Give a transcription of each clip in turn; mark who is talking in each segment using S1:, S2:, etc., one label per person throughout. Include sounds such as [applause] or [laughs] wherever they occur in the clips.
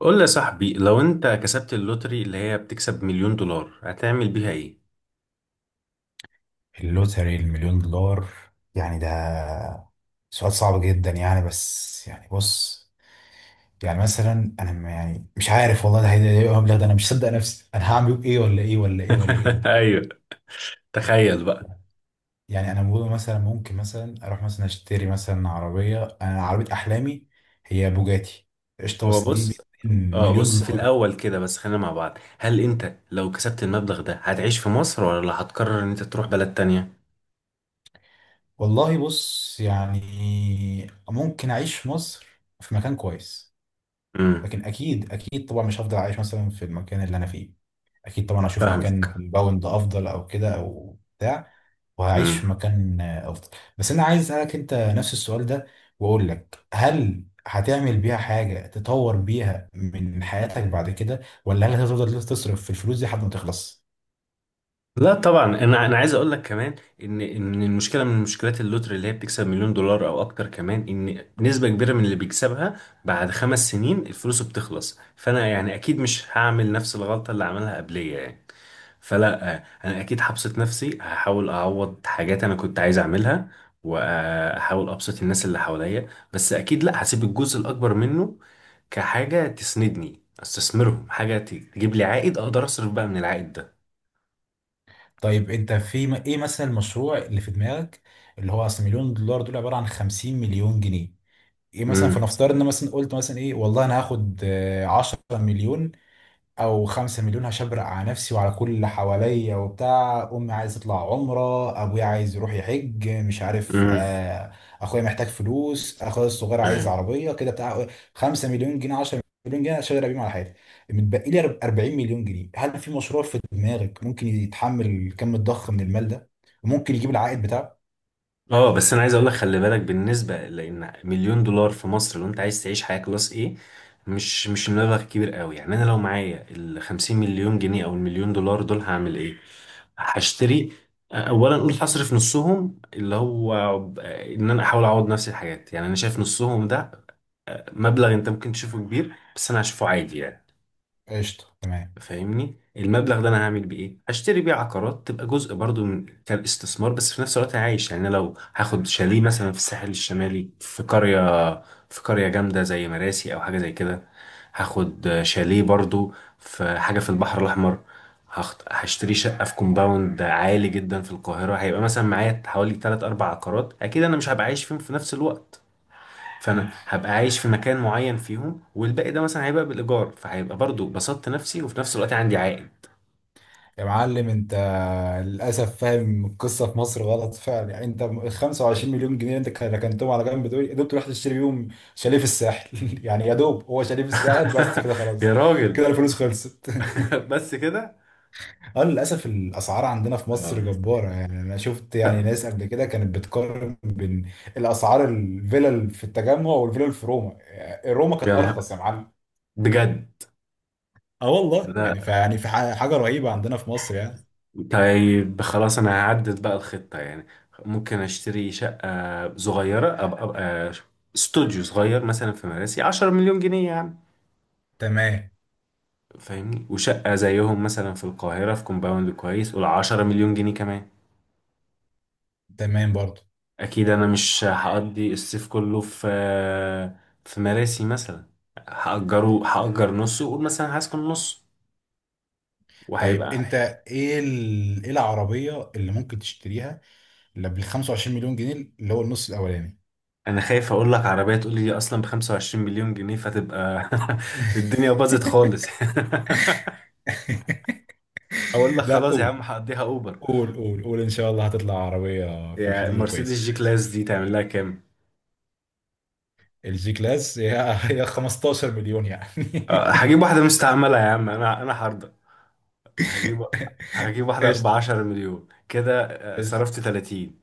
S1: قول لي يا صاحبي، لو انت كسبت اللوتري اللي هي بتكسب مليون دولار هتعمل بيها ايه؟
S2: اللوتري، المليون دولار، يعني ده سؤال صعب جدا. يعني بس يعني بص، يعني مثلا انا يعني مش عارف والله. ده هيبقى إيه المبلغ ده؟ انا مش صدق نفسي. انا هعمل ايه ولا ايه ولا ايه ولا ايه دول؟
S1: [laughs] ايوه. تخيل بقى.
S2: يعني انا بقول مثلا ممكن مثلا اروح مثلا اشتري مثلا عربيه، انا عربيه احلامي هي بوجاتي. قشطه.
S1: هو
S2: بس دي
S1: بص، اه
S2: مليون
S1: بص في
S2: دولار.
S1: الاول كده بس، خلينا مع بعض. هل انت لو كسبت المبلغ ده هتعيش في مصر ولا هتقرر ان انت تروح بلد تانية؟
S2: والله بص يعني، ممكن اعيش في مصر في مكان كويس.
S1: امم.
S2: لكن اكيد اكيد طبعا مش هفضل عايش مثلا في المكان اللي انا فيه. اكيد طبعا هشوف مكان
S1: فاهمك.
S2: كومباوند افضل او كده او بتاع. وهعيش في
S1: امم.
S2: مكان افضل. بس انا عايز اسالك انت نفس السؤال ده، واقول لك: هل هتعمل بيها حاجه تطور بيها من حياتك بعد كده؟ ولا هل هتفضل تصرف في الفلوس دي لحد ما تخلص؟
S1: لا طبعا، انا عايز اقول لك كمان ان المشكله من مشكلات اللوتري اللي هي بتكسب مليون دولار او اكتر، كمان ان نسبه كبيره من اللي بيكسبها بعد 5 سنين الفلوس بتخلص. فانا يعني اكيد مش هعمل نفس الغلطه اللي عملها قبليه يعني. فلا، انا اكيد هبسط نفسي، هحاول اعوض حاجات انا كنت عايز اعملها، واحاول ابسط الناس اللي حواليا. بس اكيد لا، هسيب الجزء الاكبر منه كحاجه تسندني، استثمرهم حاجه تجيب لي عائد اقدر اصرف بقى من العائد ده.
S2: طيب انت في ايه مثلا المشروع اللي في دماغك؟ اللي هو اصل مليون دولار دول عباره عن 50 مليون جنيه. ايه مثلا؟ فنفترض ان مثلا قلت مثلا ايه، والله انا هاخد 10 مليون او 5 مليون، هشبرق على نفسي وعلى كل اللي حواليا وبتاع. امي عايز تطلع عمره، ابويا عايز يروح يحج مش عارف،
S1: امم.
S2: اخويا محتاج فلوس، اخويا الصغير عايز
S1: تمام.
S2: عربيه كده بتاع. 5 مليون جنيه، 10 مليون جنيه اشتغل بيهم على حياتي. متبقي لي 40 مليون جنيه. هل في مشروع في دماغك ممكن يتحمل الكم الضخم من المال ده، وممكن يجيب العائد بتاعه؟
S1: اه بس انا عايز اقول لك خلي بالك، بالنسبه لان مليون دولار في مصر لو انت عايز تعيش حياه كلاس ايه، مش المبلغ كبير قوي يعني. انا لو معايا ال 50 مليون جنيه او المليون دولار دول هعمل ايه؟ هشتري. اولا اقول هصرف نصهم، اللي هو ان انا احاول اعوض نفس الحاجات. يعني انا شايف نصهم ده مبلغ انت ممكن تشوفه كبير بس انا هشوفه عادي يعني.
S2: قشطه، تمام.
S1: فاهمني، المبلغ ده انا هعمل بيه ايه؟ هشتري بيه عقارات تبقى جزء برضو من كاستثمار، بس في نفس الوقت أنا عايش. يعني أنا لو هاخد شاليه مثلا في الساحل الشمالي في قرية، في قرية جامدة زي مراسي او حاجة زي كده، هاخد شاليه برضو في حاجة في البحر الاحمر. هشتري شقة في كومباوند عالي جدا في القاهرة. هيبقى مثلا معايا حوالي 3 4 عقارات. اكيد انا مش هبقى عايش فيهم في نفس الوقت. فانا هبقى عايش في مكان معين فيهم، والباقي ده مثلا هيبقى بالايجار، فهيبقى برضو بسطت نفسي وفي نفس الوقت عندي عائد.
S2: يا معلم انت للاسف فاهم القصه في مصر غلط فعلا. يعني انت ال 25 مليون جنيه انت ركنتهم على جنب دول يا دوب تروح تشتري بيهم شاليه في الساحل [laughs] يعني يا دوب هو شاليه في الساحل بس كده
S1: [laughs]
S2: خلاص.
S1: يا راجل.
S2: كده الفلوس خلصت
S1: [laughs]
S2: [laughs]
S1: بس كده.
S2: اه للاسف الاسعار عندنا في مصر
S1: اه
S2: جباره. يعني انا شفت يعني
S1: لا.
S2: ناس قبل كده كانت بتقارن بين الاسعار، الفيلل في التجمع والفيلل في روما، يعني روما
S1: يا
S2: كانت
S1: نهار،
S2: ارخص يا معلم.
S1: بجد.
S2: اه والله
S1: لا.
S2: يعني حاجه رهيبه عندنا في مصر يعني.
S1: طيب خلاص، انا هعدل بقى الخطة يعني. ممكن اشتري شقة صغيرة، ابقى استوديو صغير مثلا في مراسي، 10 مليون جنيه يعني.
S2: تمام.
S1: فاهمني. وشقة زيهم مثلا في القاهرة في كومباوند كويس، قول 10 مليون جنيه كمان.
S2: تمام برضو.
S1: اكيد انا مش هقضي الصيف كله في، في مراسي مثلا. هأجره، هأجر نصه وأقول مثلا هسكن نص،
S2: طيب
S1: وهيبقى.
S2: انت ايه ايه العربية اللي ممكن تشتريها، اللي بال 25 مليون جنيه، اللي هو النص الاولاني؟
S1: انا خايف اقول لك عربية تقول لي دي اصلا ب 25 مليون جنيه، فتبقى [laughs] الدنيا باظت خالص.
S2: [laughs]
S1: [laughs] اقول لك
S2: لا،
S1: خلاص يا
S2: قول،
S1: عم، هقضيها اوبر.
S2: قول، قول، قول ان شاء الله هتطلع عربية في
S1: يعني
S2: الحدود
S1: مرسيدس
S2: الكويسة.
S1: جي كلاس دي تعمل لها كام؟
S2: الجي كلاس هي [laughs] هي 15 مليون يعني [laughs]
S1: هجيب واحدة مستعملة يا عم، انا هرضى. هجيب هجيب واحدة ب
S2: قشطة،
S1: 10 مليون كده.
S2: قشطة،
S1: صرفت 30.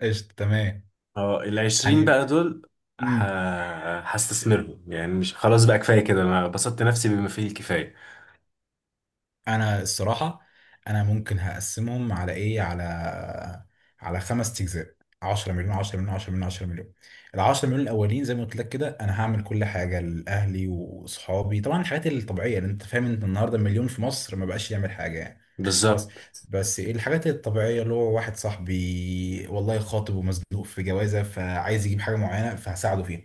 S2: قشطة، تمام
S1: اه العشرين
S2: يعني.
S1: بقى دول، ه...
S2: امم.
S1: هستثمرهم. يعني مش خلاص بقى، كفاية كده، انا بسطت نفسي بما فيه الكفاية.
S2: انا الصراحه انا ممكن هقسمهم على ايه، على خمس اجزاء: 10 مليون، 10 مليون، 10 مليون، 10 مليون. ال 10 مليون الاولين زي ما قلت لك كده انا هعمل كل حاجه لاهلي واصحابي، طبعا الحاجات الطبيعيه اللي انت فاهم. انت النهارده مليون في مصر ما بقاش يعمل حاجه يعني. بس.
S1: بالظبط.
S2: بس ايه الحاجات الطبيعية؟ اللي هو واحد صاحبي والله خاطب ومزنوق في جوازة فعايز يجيب حاجة معينة فهساعده فيها.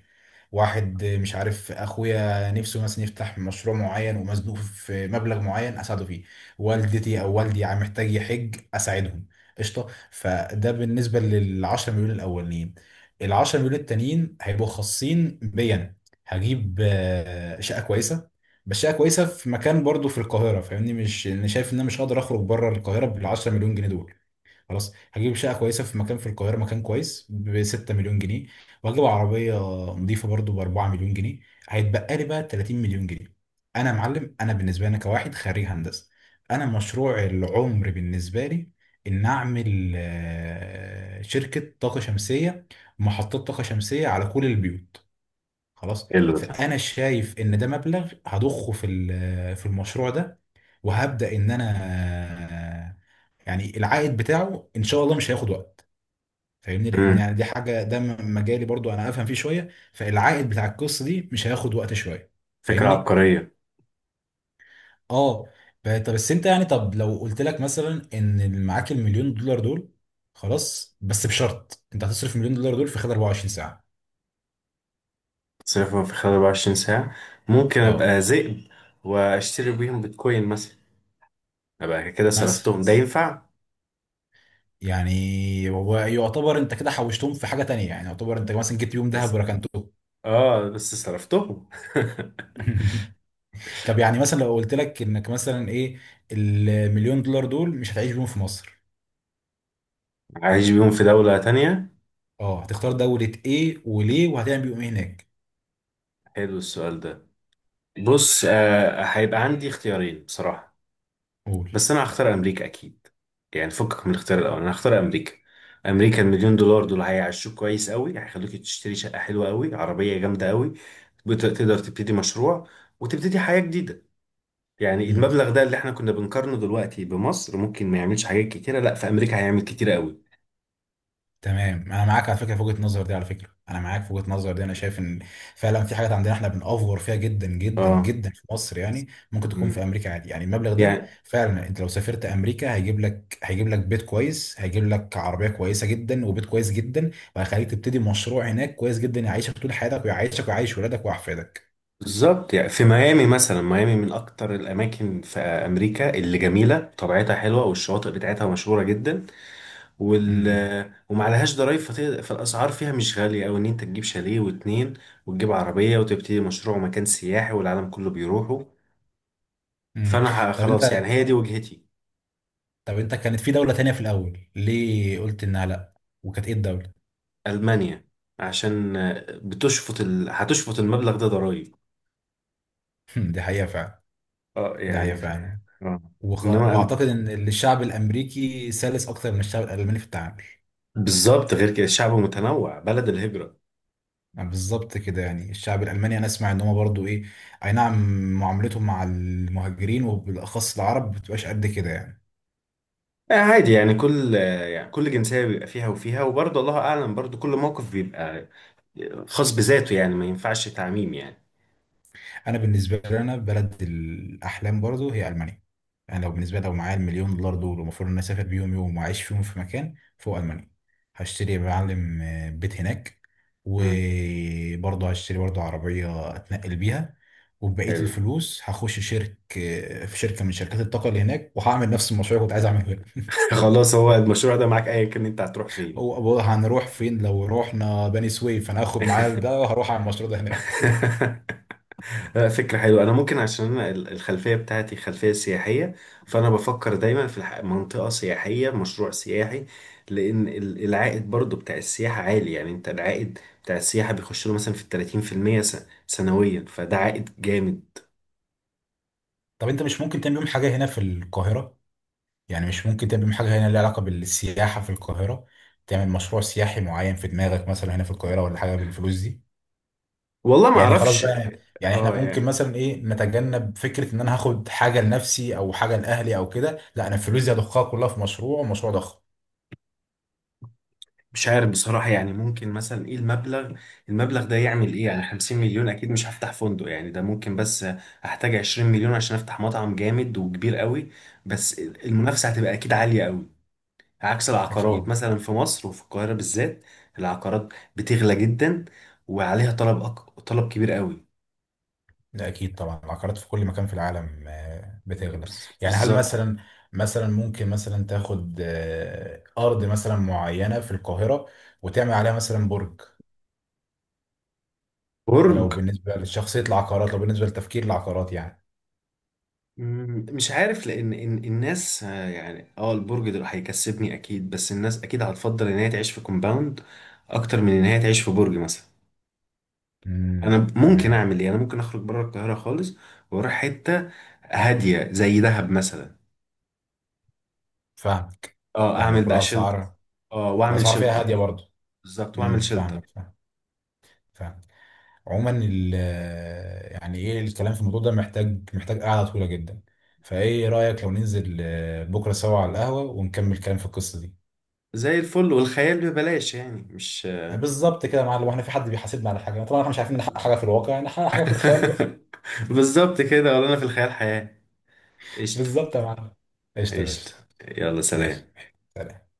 S2: واحد مش عارف، اخويا نفسه مثلا يفتح مشروع معين ومزنوق في مبلغ معين اساعده فيه. والدتي او والدي عم محتاج يحج اساعدهم. قشطة. فده بالنسبة للعشرة مليون الاولين. العشرة مليون التانيين هيبقوا خاصين بيا. هجيب شقة كويسة، بس هي كويسه في مكان برضو في القاهره، فاهمني. مش يعني انا شايف ان انا مش هقدر اخرج بره القاهره بال 10 مليون جنيه دول. خلاص، هجيب شقه كويسه في مكان في القاهره، مكان كويس، ب 6 مليون جنيه. وهجيب عربيه نظيفه برضو ب 4 مليون جنيه. هيتبقى لي بقى 30 مليون جنيه. انا يا معلم انا بالنسبه لي أنا كواحد خريج هندسه، انا مشروع العمر بالنسبه لي ان اعمل شركه طاقه شمسيه، محطات طاقه شمسيه على كل البيوت. خلاص.
S1: حلو ده.
S2: فانا شايف ان ده مبلغ هضخه في في المشروع ده. وهبدا ان انا يعني العائد بتاعه ان شاء الله مش هياخد وقت. فاهمني، لان
S1: امم.
S2: يعني دي حاجه ده مجالي برضو انا افهم فيه شويه، فالعائد بتاع القصه دي مش هياخد وقت شويه.
S1: فكرة
S2: فاهمني.
S1: عبقرية.
S2: اه. طب بس انت يعني، طب لو قلت لك مثلا ان معاك المليون دولار دول، خلاص بس بشرط: انت هتصرف مليون دولار دول في خلال 24 ساعه.
S1: تصرفهم في خلال 24 ساعة؟ ممكن
S2: اه
S1: ابقى ذئب واشتري بيهم بيتكوين مثلا. ابقى كده
S2: مثلا،
S1: صرفتهم. ده ينفع؟
S2: يعني هو يعتبر انت كده حوشتهم في حاجه تانية، يعني يعتبر انت مثلا جبت بيهم ذهب
S1: بس
S2: وركنتهم.
S1: اه، بس صرفتهم.
S2: [laughs] طب يعني مثلا لو قلت لك انك مثلا ايه، المليون دولار دول مش هتعيش بيهم في مصر،
S1: [laughs] عايش بيهم في دولة تانية.
S2: اه هتختار دوله ايه وليه وهتعمل بيهم ايه هناك؟
S1: حلو السؤال ده. بص، آه، هيبقى عندي اختيارين بصراحة.
S2: قول.
S1: بس انا هختار امريكا اكيد. يعني فكك من الاختيار الاول، انا هختار امريكا. امريكا المليون دولار دول هيعيشوك كويس قوي، هيخلوك تشتري شقه حلوه قوي، عربيه جامده قوي. تقدر تبتدي مشروع وتبتدي حياه جديده. يعني المبلغ ده اللي احنا كنا بنقارنه دلوقتي بمصر ممكن ما يعملش حاجات كتيره، لا في امريكا هيعمل كتيره قوي.
S2: تمام، انا معاك على فكره في وجهه النظر دي. على فكره انا معاك في وجهه النظر دي. انا شايف ان فعلا في حاجات عندنا احنا بنأفور فيها جدا جدا
S1: اه.
S2: جدا في مصر، يعني ممكن تكون في
S1: امم.
S2: امريكا عادي يعني. المبلغ ده
S1: يعني
S2: فعلا انت لو سافرت امريكا هيجيب لك، هيجيب لك بيت كويس، هيجيب لك عربيه كويسه جدا وبيت كويس جدا، وهيخليك تبتدي مشروع هناك كويس جدا، يعيشك طول حياتك ويعيشك ويعيش ولادك واحفادك.
S1: بالظبط. يعني في ميامي مثلا، ميامي من اكتر الاماكن في امريكا اللي جميله طبيعتها حلوه والشواطئ بتاعتها مشهوره جدا. وال
S2: امم.
S1: وما عليهاش ضرايب، فالاسعار فيها مش غاليه، او ان انت تجيب شاليه واتنين، وتجيب عربيه وتبتدي مشروع مكان سياحي والعالم كله بيروحوا.
S2: امم.
S1: فانا
S2: طب
S1: خلاص
S2: انت،
S1: يعني، هي دي وجهتي.
S2: طب انت كانت في دوله تانية في الاول ليه قلت انها لا؟ وكانت ايه الدوله؟
S1: المانيا عشان هتشفط المبلغ ده ضرايب.
S2: [laughs] دي حقيقه فعلا.
S1: اه
S2: ده حقيقه
S1: يعني
S2: فعلا.
S1: آه. انما
S2: واعتقد ان الشعب الامريكي سلس اكتر من الشعب الالماني في التعامل.
S1: بالظبط، غير كده الشعب متنوع، بلد الهجره.
S2: يعني بالظبط كده يعني الشعب الالماني انا اسمع ان هو برضو ايه، اي نعم معاملتهم مع المهاجرين وبالاخص العرب بتبقاش قد كده يعني.
S1: آه عادي يعني، كل يعني كل جنسيه بيبقى فيها وفيها، وبرضه الله اعلم، برضه كل موقف بيبقى خاص بذاته، يعني ما ينفعش تعميم يعني.
S2: انا بالنسبه لي، انا بلد الاحلام برضو هي المانيا. انا لو بالنسبه لي، لو معايا المليون دولار دول ومفروض ان انا اسافر بيهم يوم واعيش فيهم في مكان، فوق المانيا هشتري يا معلم بيت هناك،
S1: مم.
S2: وبرضه هشتري برضه عربيه اتنقل بيها. وبقيه
S1: حلو.
S2: الفلوس هخش شرك آه، في شركه من شركات الطاقه اللي هناك، وهعمل نفس المشروع اللي كنت عايز اعمله هنا.
S1: خلاص، هو المشروع ده معاك ايا كان انت هتروح فين.
S2: هو هو هنروح فين لو رحنا بني سويف؟ انا هاخد معايا ده وهروح على المشروع ده هناك [laughs]
S1: [laughs] لا، فكرة حلوة. أنا ممكن، عشان أنا الخلفية بتاعتي خلفية سياحية، فأنا بفكر دايما في منطقة سياحية، مشروع سياحي، لأن العائد برضو بتاع السياحة عالي. يعني أنت العائد بتاع السياحة بيخش له مثلا في 30% سنويا، فده عائد جامد.
S2: طب انت مش ممكن تعمل يوم حاجه هنا في القاهره؟ يعني مش ممكن تعمل حاجة هنا لها علاقة بالسياحة في القاهرة؟ تعمل مشروع سياحي معين في دماغك مثلا هنا في القاهرة ولا حاجة بالفلوس دي؟
S1: والله ما
S2: يعني خلاص
S1: أعرفش.
S2: بقى، يعني احنا
S1: اه
S2: ممكن
S1: يعني
S2: مثلا ايه نتجنب فكرة ان انا هاخد حاجة لنفسي او حاجة لأهلي او كده. لا، انا الفلوس دي هضخها كلها في مشروع، مشروع ضخم.
S1: مش عارف بصراحة. يعني ممكن مثلا ايه المبلغ، المبلغ ده يعمل ايه؟ يعني 50 مليون اكيد مش هفتح فندق يعني، ده ممكن بس احتاج 20 مليون عشان افتح مطعم جامد وكبير قوي. بس المنافسة هتبقى اكيد عالية قوي، عكس العقارات
S2: اكيد.
S1: مثلا في مصر وفي القاهرة بالذات. العقارات بتغلى جدا، وعليها طلب طلب كبير قوي.
S2: لا اكيد طبعا العقارات في كل مكان في العالم بتغلى يعني. هل
S1: بالظبط.
S2: مثلا، مثلا ممكن مثلا تاخد ارض مثلا معينة في القاهرة وتعمل عليها مثلا برج؟ ده لو
S1: برج.
S2: بالنسبة للشخصية العقارات، لو بالنسبة لتفكير العقارات يعني.
S1: مش عارف، لان إن الناس البرج ده هيكسبني اكيد، بس الناس اكيد هتفضل ان هي تعيش في كومباوند اكتر من ان هي تعيش في برج مثلا. انا
S2: امم،
S1: ممكن
S2: تمام.
S1: اعمل ايه، انا ممكن اخرج بره القاهره خالص واروح حته هاديه زي دهب مثلا.
S2: فاهمك.
S1: اه اعمل
S2: فاهمك.
S1: بقى شلتر.
S2: والأسعار،
S1: اه واعمل
S2: الأسعار فيها
S1: شلتر.
S2: هادية برضه.
S1: بالظبط واعمل
S2: امم، فاهمك.
S1: شلتر.
S2: فاهمك. فاهمك. عموما يعني ايه، الكلام في الموضوع ده محتاج محتاج قعدة طويلة جدا. فايه رأيك لو ننزل بكرة سوا على القهوة ونكمل الكلام في القصة دي؟
S1: زي الفل، والخيال ببلاش يعني مش.
S2: بالظبط كده يا معلم، واحنا في حد بيحاسبنا على حاجة؟ طبعا احنا مش عارفين نحقق حاجة في الواقع، نحقق حاجة في الخيال بقى.
S1: [laughs] بالظبط كده، ولا انا في الخيال حياه. قشطه.
S2: بالظبط يا معلم. قشطة يا
S1: قشطه.
S2: باشا.
S1: يلا
S2: ماشي.
S1: سلام.
S2: سلام.